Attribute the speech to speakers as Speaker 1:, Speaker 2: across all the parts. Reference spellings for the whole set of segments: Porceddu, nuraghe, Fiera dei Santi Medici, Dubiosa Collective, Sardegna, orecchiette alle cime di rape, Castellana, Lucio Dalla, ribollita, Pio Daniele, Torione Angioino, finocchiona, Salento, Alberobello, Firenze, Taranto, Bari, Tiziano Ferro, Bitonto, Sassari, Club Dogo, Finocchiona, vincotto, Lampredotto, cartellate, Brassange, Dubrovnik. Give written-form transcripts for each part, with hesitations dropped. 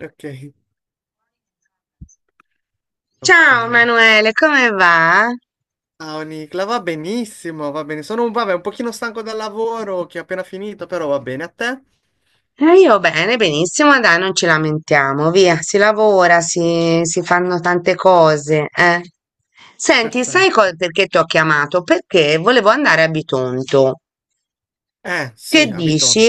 Speaker 1: Ok, ok.
Speaker 2: Ciao Manuele, come va?
Speaker 1: Ah, Nicla, va benissimo, va bene. Sono un, vabbè, un pochino stanco dal lavoro che ho appena finito, però va bene. A te?
Speaker 2: Io bene, benissimo, dai, non ci lamentiamo, via, si lavora, si fanno tante cose. Senti, sai,
Speaker 1: Perfetto.
Speaker 2: perché ti ho chiamato? Perché volevo andare a Bitonto. Che
Speaker 1: Sì,
Speaker 2: dici?
Speaker 1: abito.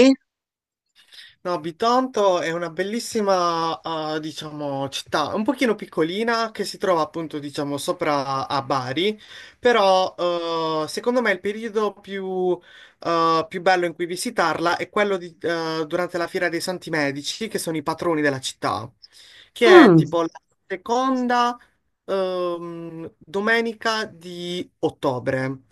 Speaker 1: No, Bitonto è una bellissima, diciamo, città, un pochino piccolina che si trova appunto, diciamo, sopra a Bari, però secondo me il periodo più bello in cui visitarla è quello durante la Fiera dei Santi Medici, che sono i patroni della città, che è
Speaker 2: Mm,
Speaker 1: tipo la seconda domenica di ottobre.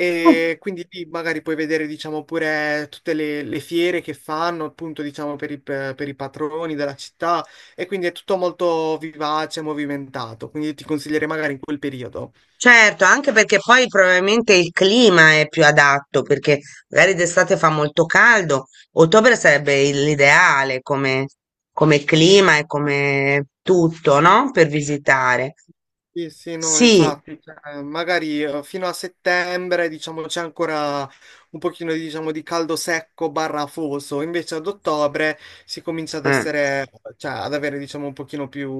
Speaker 1: E quindi lì magari puoi vedere, diciamo, pure tutte le fiere che fanno, appunto, diciamo, per i patroni della città. E quindi è tutto molto vivace, e movimentato. Quindi ti consiglierei magari in quel periodo.
Speaker 2: certo, anche perché poi probabilmente il clima è più adatto, perché magari d'estate fa molto caldo, ottobre sarebbe l'ideale come clima e come tutto, no? Per visitare.
Speaker 1: Sì, sì, no,
Speaker 2: Sì,
Speaker 1: infatti, cioè, magari fino a settembre, diciamo, c'è ancora un pochino, diciamo, di caldo secco barra afoso, invece ad ottobre si comincia ad
Speaker 2: eh,
Speaker 1: essere, cioè, ad avere, diciamo, un pochino più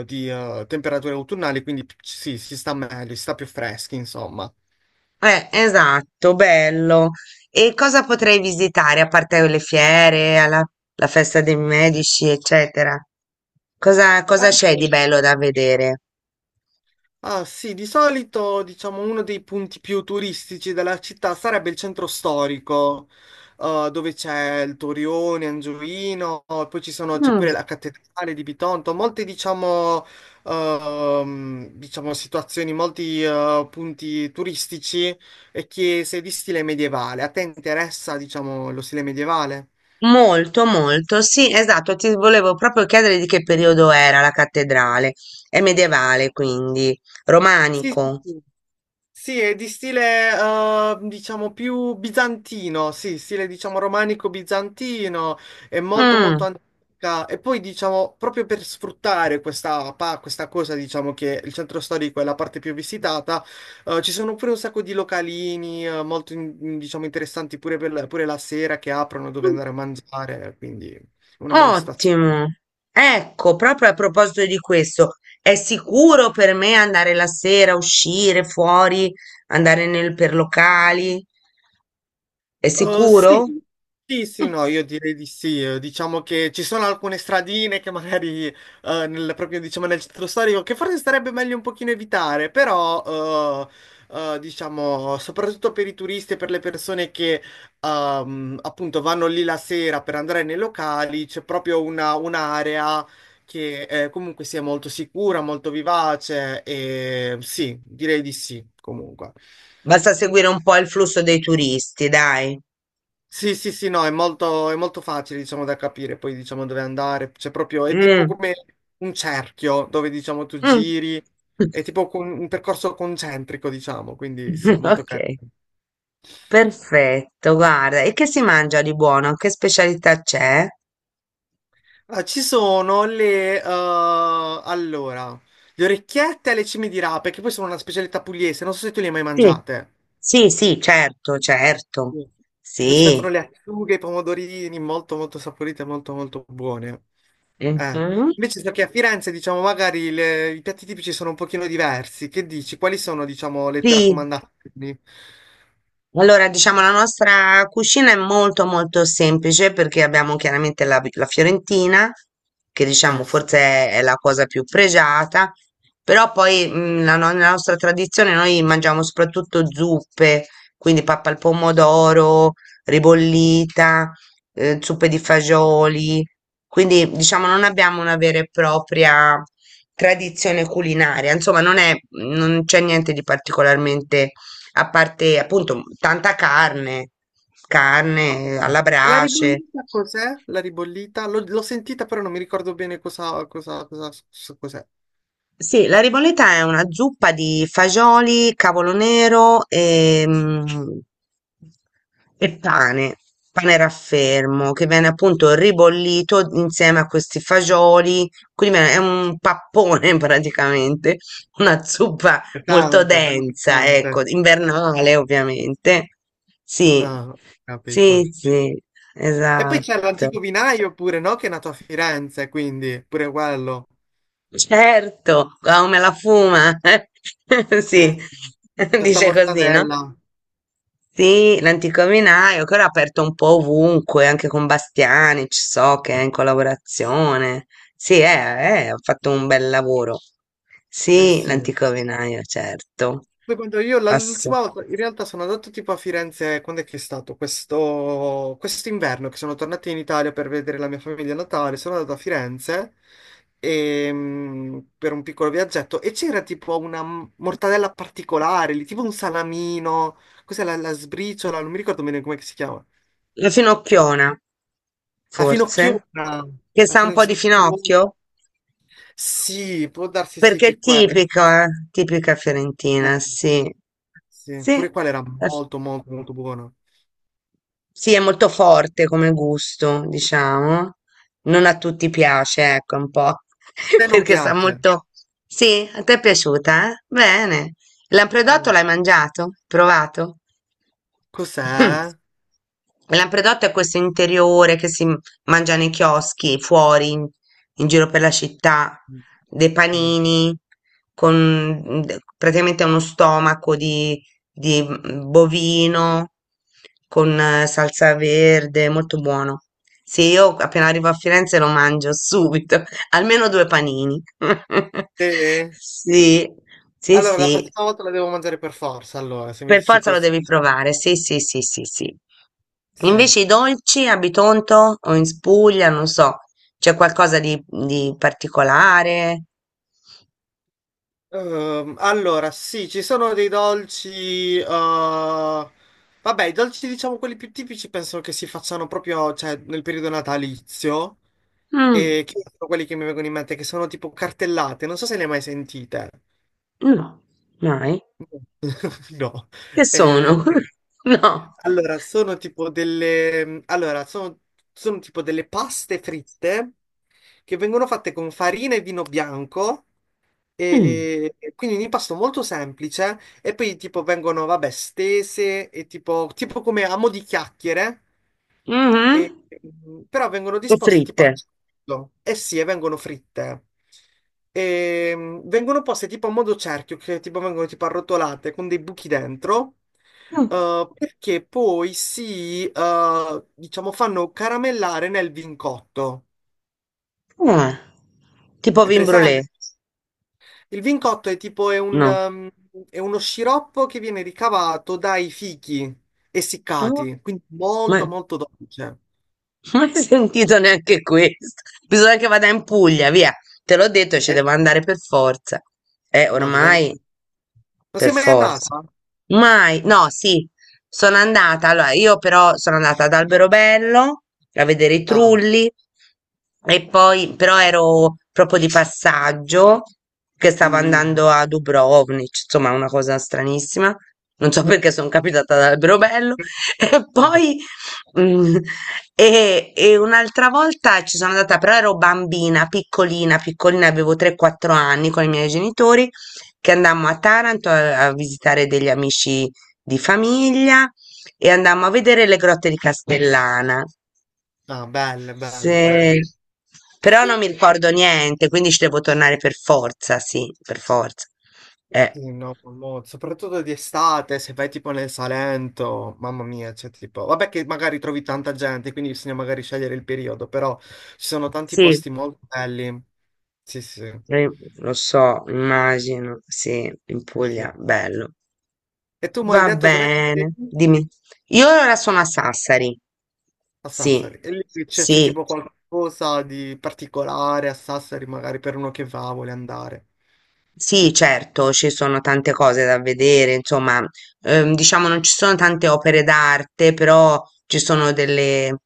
Speaker 1: di temperature autunnali, quindi sì, si sta meglio, si sta più freschi, insomma.
Speaker 2: esatto, bello. E cosa potrei visitare a parte le fiere, la festa dei medici, eccetera? Cosa c'è di
Speaker 1: Allora,
Speaker 2: bello da vedere?
Speaker 1: ah sì, di solito diciamo uno dei punti più turistici della città sarebbe il centro storico, dove c'è il Torione, Angioino, c'è
Speaker 2: Mm.
Speaker 1: pure la cattedrale di Bitonto, molte diciamo, diciamo, situazioni, molti punti turistici e chiese di stile medievale. A te interessa diciamo lo stile medievale?
Speaker 2: Molto, molto. Sì, esatto. Ti volevo proprio chiedere di che periodo era la cattedrale. È medievale, quindi
Speaker 1: Sì, sì,
Speaker 2: romanico.
Speaker 1: sì. Sì, è di stile, diciamo, più bizantino, sì, stile, diciamo, romanico bizantino, è molto, molto
Speaker 2: Mm.
Speaker 1: antica. E poi, diciamo, proprio per sfruttare questa cosa, diciamo, che il centro storico è la parte più visitata, ci sono pure un sacco di localini, molto, diciamo, interessanti pure, pure la sera che aprono dove andare a mangiare, quindi una bella situazione.
Speaker 2: Ottimo. Ecco, proprio a proposito di questo, è sicuro per me andare la sera, uscire fuori, andare per locali? È
Speaker 1: Sì,
Speaker 2: sicuro?
Speaker 1: sì, sì, no, io direi di sì. Diciamo che ci sono alcune stradine che magari proprio diciamo, nel centro storico che forse sarebbe meglio un pochino evitare, però diciamo soprattutto per i turisti e per le persone che appunto vanno lì la sera per andare nei locali, c'è proprio un'area che comunque sia molto sicura, molto vivace e sì, direi di sì, comunque.
Speaker 2: Basta seguire un po' il flusso dei turisti, dai.
Speaker 1: Sì, sì, sì, no, è molto facile, diciamo, da capire, poi diciamo dove andare, c'è proprio, è tipo
Speaker 2: Mm,
Speaker 1: come un cerchio dove, diciamo, tu
Speaker 2: mm.
Speaker 1: giri, è tipo un percorso concentrico, diciamo, quindi sì, è molto
Speaker 2: Ok,
Speaker 1: carino.
Speaker 2: perfetto, guarda. E che si mangia di buono? Che specialità c'è?
Speaker 1: Ah, ci sono le, allora, le orecchiette alle cime di rape, che poi sono una specialità pugliese, non so se tu le hai mai
Speaker 2: Sì,
Speaker 1: mangiate.
Speaker 2: sì, sì, certo, certo.
Speaker 1: Sì. Tipo ci mettono
Speaker 2: Sì.
Speaker 1: le acciughe, i pomodorini, molto molto saporite, molto molto buone. Eh.
Speaker 2: Mhm.
Speaker 1: Invece so che a Firenze, diciamo, magari i piatti tipici sono un pochino diversi. Che dici? Quali sono, diciamo, le tue
Speaker 2: Sì.
Speaker 1: raccomandazioni?
Speaker 2: Allora, diciamo, la nostra cucina è molto molto semplice perché abbiamo chiaramente la fiorentina, che diciamo
Speaker 1: Sì.
Speaker 2: forse è la cosa più pregiata, però poi la, no- nella nostra tradizione noi mangiamo soprattutto zuppe, quindi pappa al pomodoro, ribollita, zuppe di fagioli, quindi diciamo non abbiamo una vera e propria tradizione culinaria, insomma non è, non c'è niente di particolarmente a parte appunto tanta carne, carne alla
Speaker 1: E la
Speaker 2: brace.
Speaker 1: ribollita cos'è? La ribollita? L'ho sentita, però non mi ricordo bene cos'è.
Speaker 2: Sì, la riboletta è una zuppa di fagioli, cavolo nero e pane, pane raffermo, che viene appunto ribollito insieme a questi fagioli, quindi è un pappone praticamente, una zuppa molto
Speaker 1: Pesante, bello
Speaker 2: densa,
Speaker 1: pesante.
Speaker 2: ecco, invernale ovviamente. Sì,
Speaker 1: Ah,
Speaker 2: sì,
Speaker 1: capito.
Speaker 2: sì,
Speaker 1: E poi
Speaker 2: esatto.
Speaker 1: c'è l'antico vinaio pure, no? Che è nato a Firenze, quindi pure quello.
Speaker 2: Certo, come la fuma. Sì,
Speaker 1: Sì. Torta
Speaker 2: dice così, no?
Speaker 1: mortadella.
Speaker 2: Sì, l'antico vinaio, che ora è aperto un po' ovunque, anche con Bastiani, ci so che è in collaborazione. Sì, ha fatto un bel lavoro.
Speaker 1: Eh
Speaker 2: Sì,
Speaker 1: sì.
Speaker 2: l'antico vinaio, certo.
Speaker 1: Poi quando io
Speaker 2: Ass-
Speaker 1: l'ultima volta, in realtà sono andato tipo a Firenze, quando è che è stato? Questo quest'inverno che sono tornato in Italia per vedere la mia famiglia a Natale, sono andato a Firenze per un piccolo viaggetto e c'era tipo una mortadella particolare, lì, tipo un salamino, cos'è la, la sbriciola, non mi ricordo bene come si chiama.
Speaker 2: La Finocchiona,
Speaker 1: La
Speaker 2: forse,
Speaker 1: finocchiona,
Speaker 2: che
Speaker 1: la
Speaker 2: sa un po' di
Speaker 1: finocchiona.
Speaker 2: finocchio,
Speaker 1: Sì, può darsi sì
Speaker 2: perché
Speaker 1: che
Speaker 2: è
Speaker 1: è quella.
Speaker 2: tipica
Speaker 1: Eh.
Speaker 2: fiorentina, sì.
Speaker 1: Sì, pure
Speaker 2: Sì.
Speaker 1: quella era molto molto molto buona. A
Speaker 2: Sì, è molto forte come gusto, diciamo. Non a tutti piace, ecco, un po',
Speaker 1: te non
Speaker 2: perché sa
Speaker 1: piace?
Speaker 2: molto. Sì, a te è piaciuta, eh? Bene. Lampredotto
Speaker 1: Mm.
Speaker 2: l'hai mangiato? Provato?
Speaker 1: Cos'è?
Speaker 2: Mm. Il Lampredotto è questo interiore che si mangia nei chioschi, fuori, in giro per la città,
Speaker 1: Mm.
Speaker 2: dei
Speaker 1: No.
Speaker 2: panini, con praticamente uno stomaco di bovino con salsa verde, molto buono. Sì, io appena arrivo a Firenze lo mangio subito, almeno due panini.
Speaker 1: Sì?
Speaker 2: Sì, sì,
Speaker 1: Allora, la
Speaker 2: sì,
Speaker 1: prossima volta la devo mangiare per forza, allora, se mi
Speaker 2: per
Speaker 1: dici
Speaker 2: forza lo
Speaker 1: così.
Speaker 2: devi provare. Sì, sì, sì, sì, sì.
Speaker 1: Sì.
Speaker 2: Invece i dolci a Bitonto o in Spuglia, non so, c'è qualcosa di particolare?
Speaker 1: Allora, sì, ci sono dei dolci... vabbè, i dolci, diciamo, quelli più tipici penso che si facciano proprio, cioè, nel periodo natalizio.
Speaker 2: Mm,
Speaker 1: E che sono quelli che mi vengono in mente, che sono tipo cartellate. Non so se le hai mai sentite.
Speaker 2: no, mai.
Speaker 1: No. No.
Speaker 2: Che
Speaker 1: Eh,
Speaker 2: sono? No.
Speaker 1: allora, sono tipo delle, allora, sono, sono tipo delle paste fritte che vengono fatte con farina e vino bianco,
Speaker 2: Mm.
Speaker 1: e quindi un impasto molto semplice, e poi tipo vengono, vabbè, stese, e tipo, tipo come a mo' di chiacchiere,
Speaker 2: Mh-mh.
Speaker 1: e, mm, però vengono
Speaker 2: O
Speaker 1: disposte tipo
Speaker 2: fritte?
Speaker 1: a cerchio. Eh sì, e vengono fritte. E, mm, vengono poste tipo a modo cerchio, che tipo vengono tipo arrotolate con dei buchi dentro.
Speaker 2: Mh.
Speaker 1: Perché poi si, diciamo, fanno caramellare nel vincotto.
Speaker 2: Ah. Tipo
Speaker 1: È
Speaker 2: vin brulé?
Speaker 1: presente? Il vincotto è tipo è un,
Speaker 2: No.
Speaker 1: ehm, è uno sciroppo che viene ricavato dai fichi
Speaker 2: No?
Speaker 1: essiccati, quindi
Speaker 2: Ma
Speaker 1: molto molto dolce.
Speaker 2: non hai sentito neanche questo. Bisogna che vada in Puglia, via. Te l'ho detto, ci
Speaker 1: Eh,
Speaker 2: devo andare per forza.
Speaker 1: no, devi andare.
Speaker 2: Ormai
Speaker 1: Non
Speaker 2: per
Speaker 1: sei mai andata?
Speaker 2: forza. Mai, no, sì, sono andata. Allora, io però sono andata ad Alberobello a vedere i
Speaker 1: Ah,
Speaker 2: trulli e poi, però ero proprio di passaggio che stavo
Speaker 1: mm,
Speaker 2: andando a Dubrovnik, insomma, una cosa stranissima. Non so perché sono capitata ad Alberobello e
Speaker 1: vabbè.
Speaker 2: poi Mm. E un'altra volta ci sono andata, però ero bambina, piccolina, piccolina, avevo 3-4 anni con i miei genitori, che andammo a Taranto a visitare degli amici di famiglia e andammo a vedere le grotte di Castellana.
Speaker 1: Ah, belle, belle,
Speaker 2: Se-
Speaker 1: belle.
Speaker 2: Però non mi ricordo niente, quindi ci devo tornare per forza. Eh,
Speaker 1: Sì, no, soprattutto di estate, se vai tipo nel Salento, mamma mia, c'è tipo... Vabbè che magari trovi tanta gente, quindi bisogna magari scegliere il periodo, però ci sono tanti
Speaker 2: sì,
Speaker 1: posti molto belli. Sì, sì. Eh
Speaker 2: eh, lo so, immagino, sì, in
Speaker 1: sì.
Speaker 2: Puglia, bello.
Speaker 1: E tu mi hai
Speaker 2: Va
Speaker 1: detto dov'è che sei?
Speaker 2: bene, dimmi. Io ora sono a Sassari.
Speaker 1: A
Speaker 2: Sì,
Speaker 1: Sassari. E lì c'è
Speaker 2: sì,
Speaker 1: tipo qualcosa di particolare a Sassari, magari per uno che va, vuole andare.
Speaker 2: sì, certo, ci sono tante cose da vedere, insomma, diciamo non ci sono tante opere d'arte, però ci sono delle,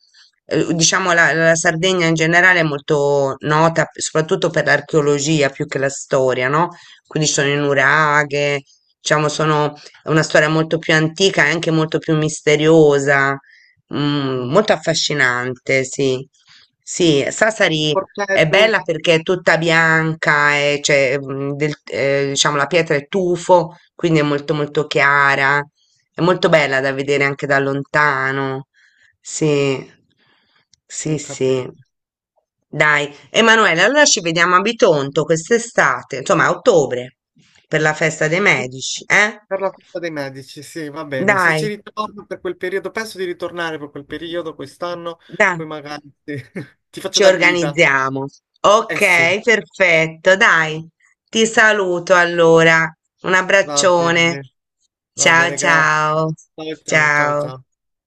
Speaker 2: eh, diciamo la Sardegna in generale è molto nota soprattutto per l'archeologia più che la storia, no? Quindi ci sono le nuraghe, diciamo sono è una storia molto più antica e anche molto più misteriosa,
Speaker 1: Mm.
Speaker 2: molto affascinante, sì. Sì, Sassari. È
Speaker 1: Porceddu,
Speaker 2: bella perché è tutta bianca, cioè, diciamo la pietra è tufo, quindi è molto molto chiara. È molto bella da vedere anche da lontano. Sì, sì,
Speaker 1: ho
Speaker 2: sì.
Speaker 1: capito.
Speaker 2: Dai, Emanuele, allora ci vediamo a Bitonto quest'estate, insomma a ottobre, per la festa dei medici, eh?
Speaker 1: Per la festa dei medici, sì, va bene. Se ci
Speaker 2: Dai,
Speaker 1: ritorno per quel periodo, penso di ritornare per quel periodo quest'anno,
Speaker 2: dai.
Speaker 1: poi magari sì, ti faccio
Speaker 2: Ci
Speaker 1: da guida.
Speaker 2: organizziamo.
Speaker 1: Eh sì,
Speaker 2: Ok, perfetto, dai. Ti saluto allora. Un
Speaker 1: va
Speaker 2: abbraccione.
Speaker 1: bene, va
Speaker 2: Ciao
Speaker 1: bene, grazie.
Speaker 2: ciao.
Speaker 1: Ciao, ciao, ciao,
Speaker 2: Ciao.
Speaker 1: ciao.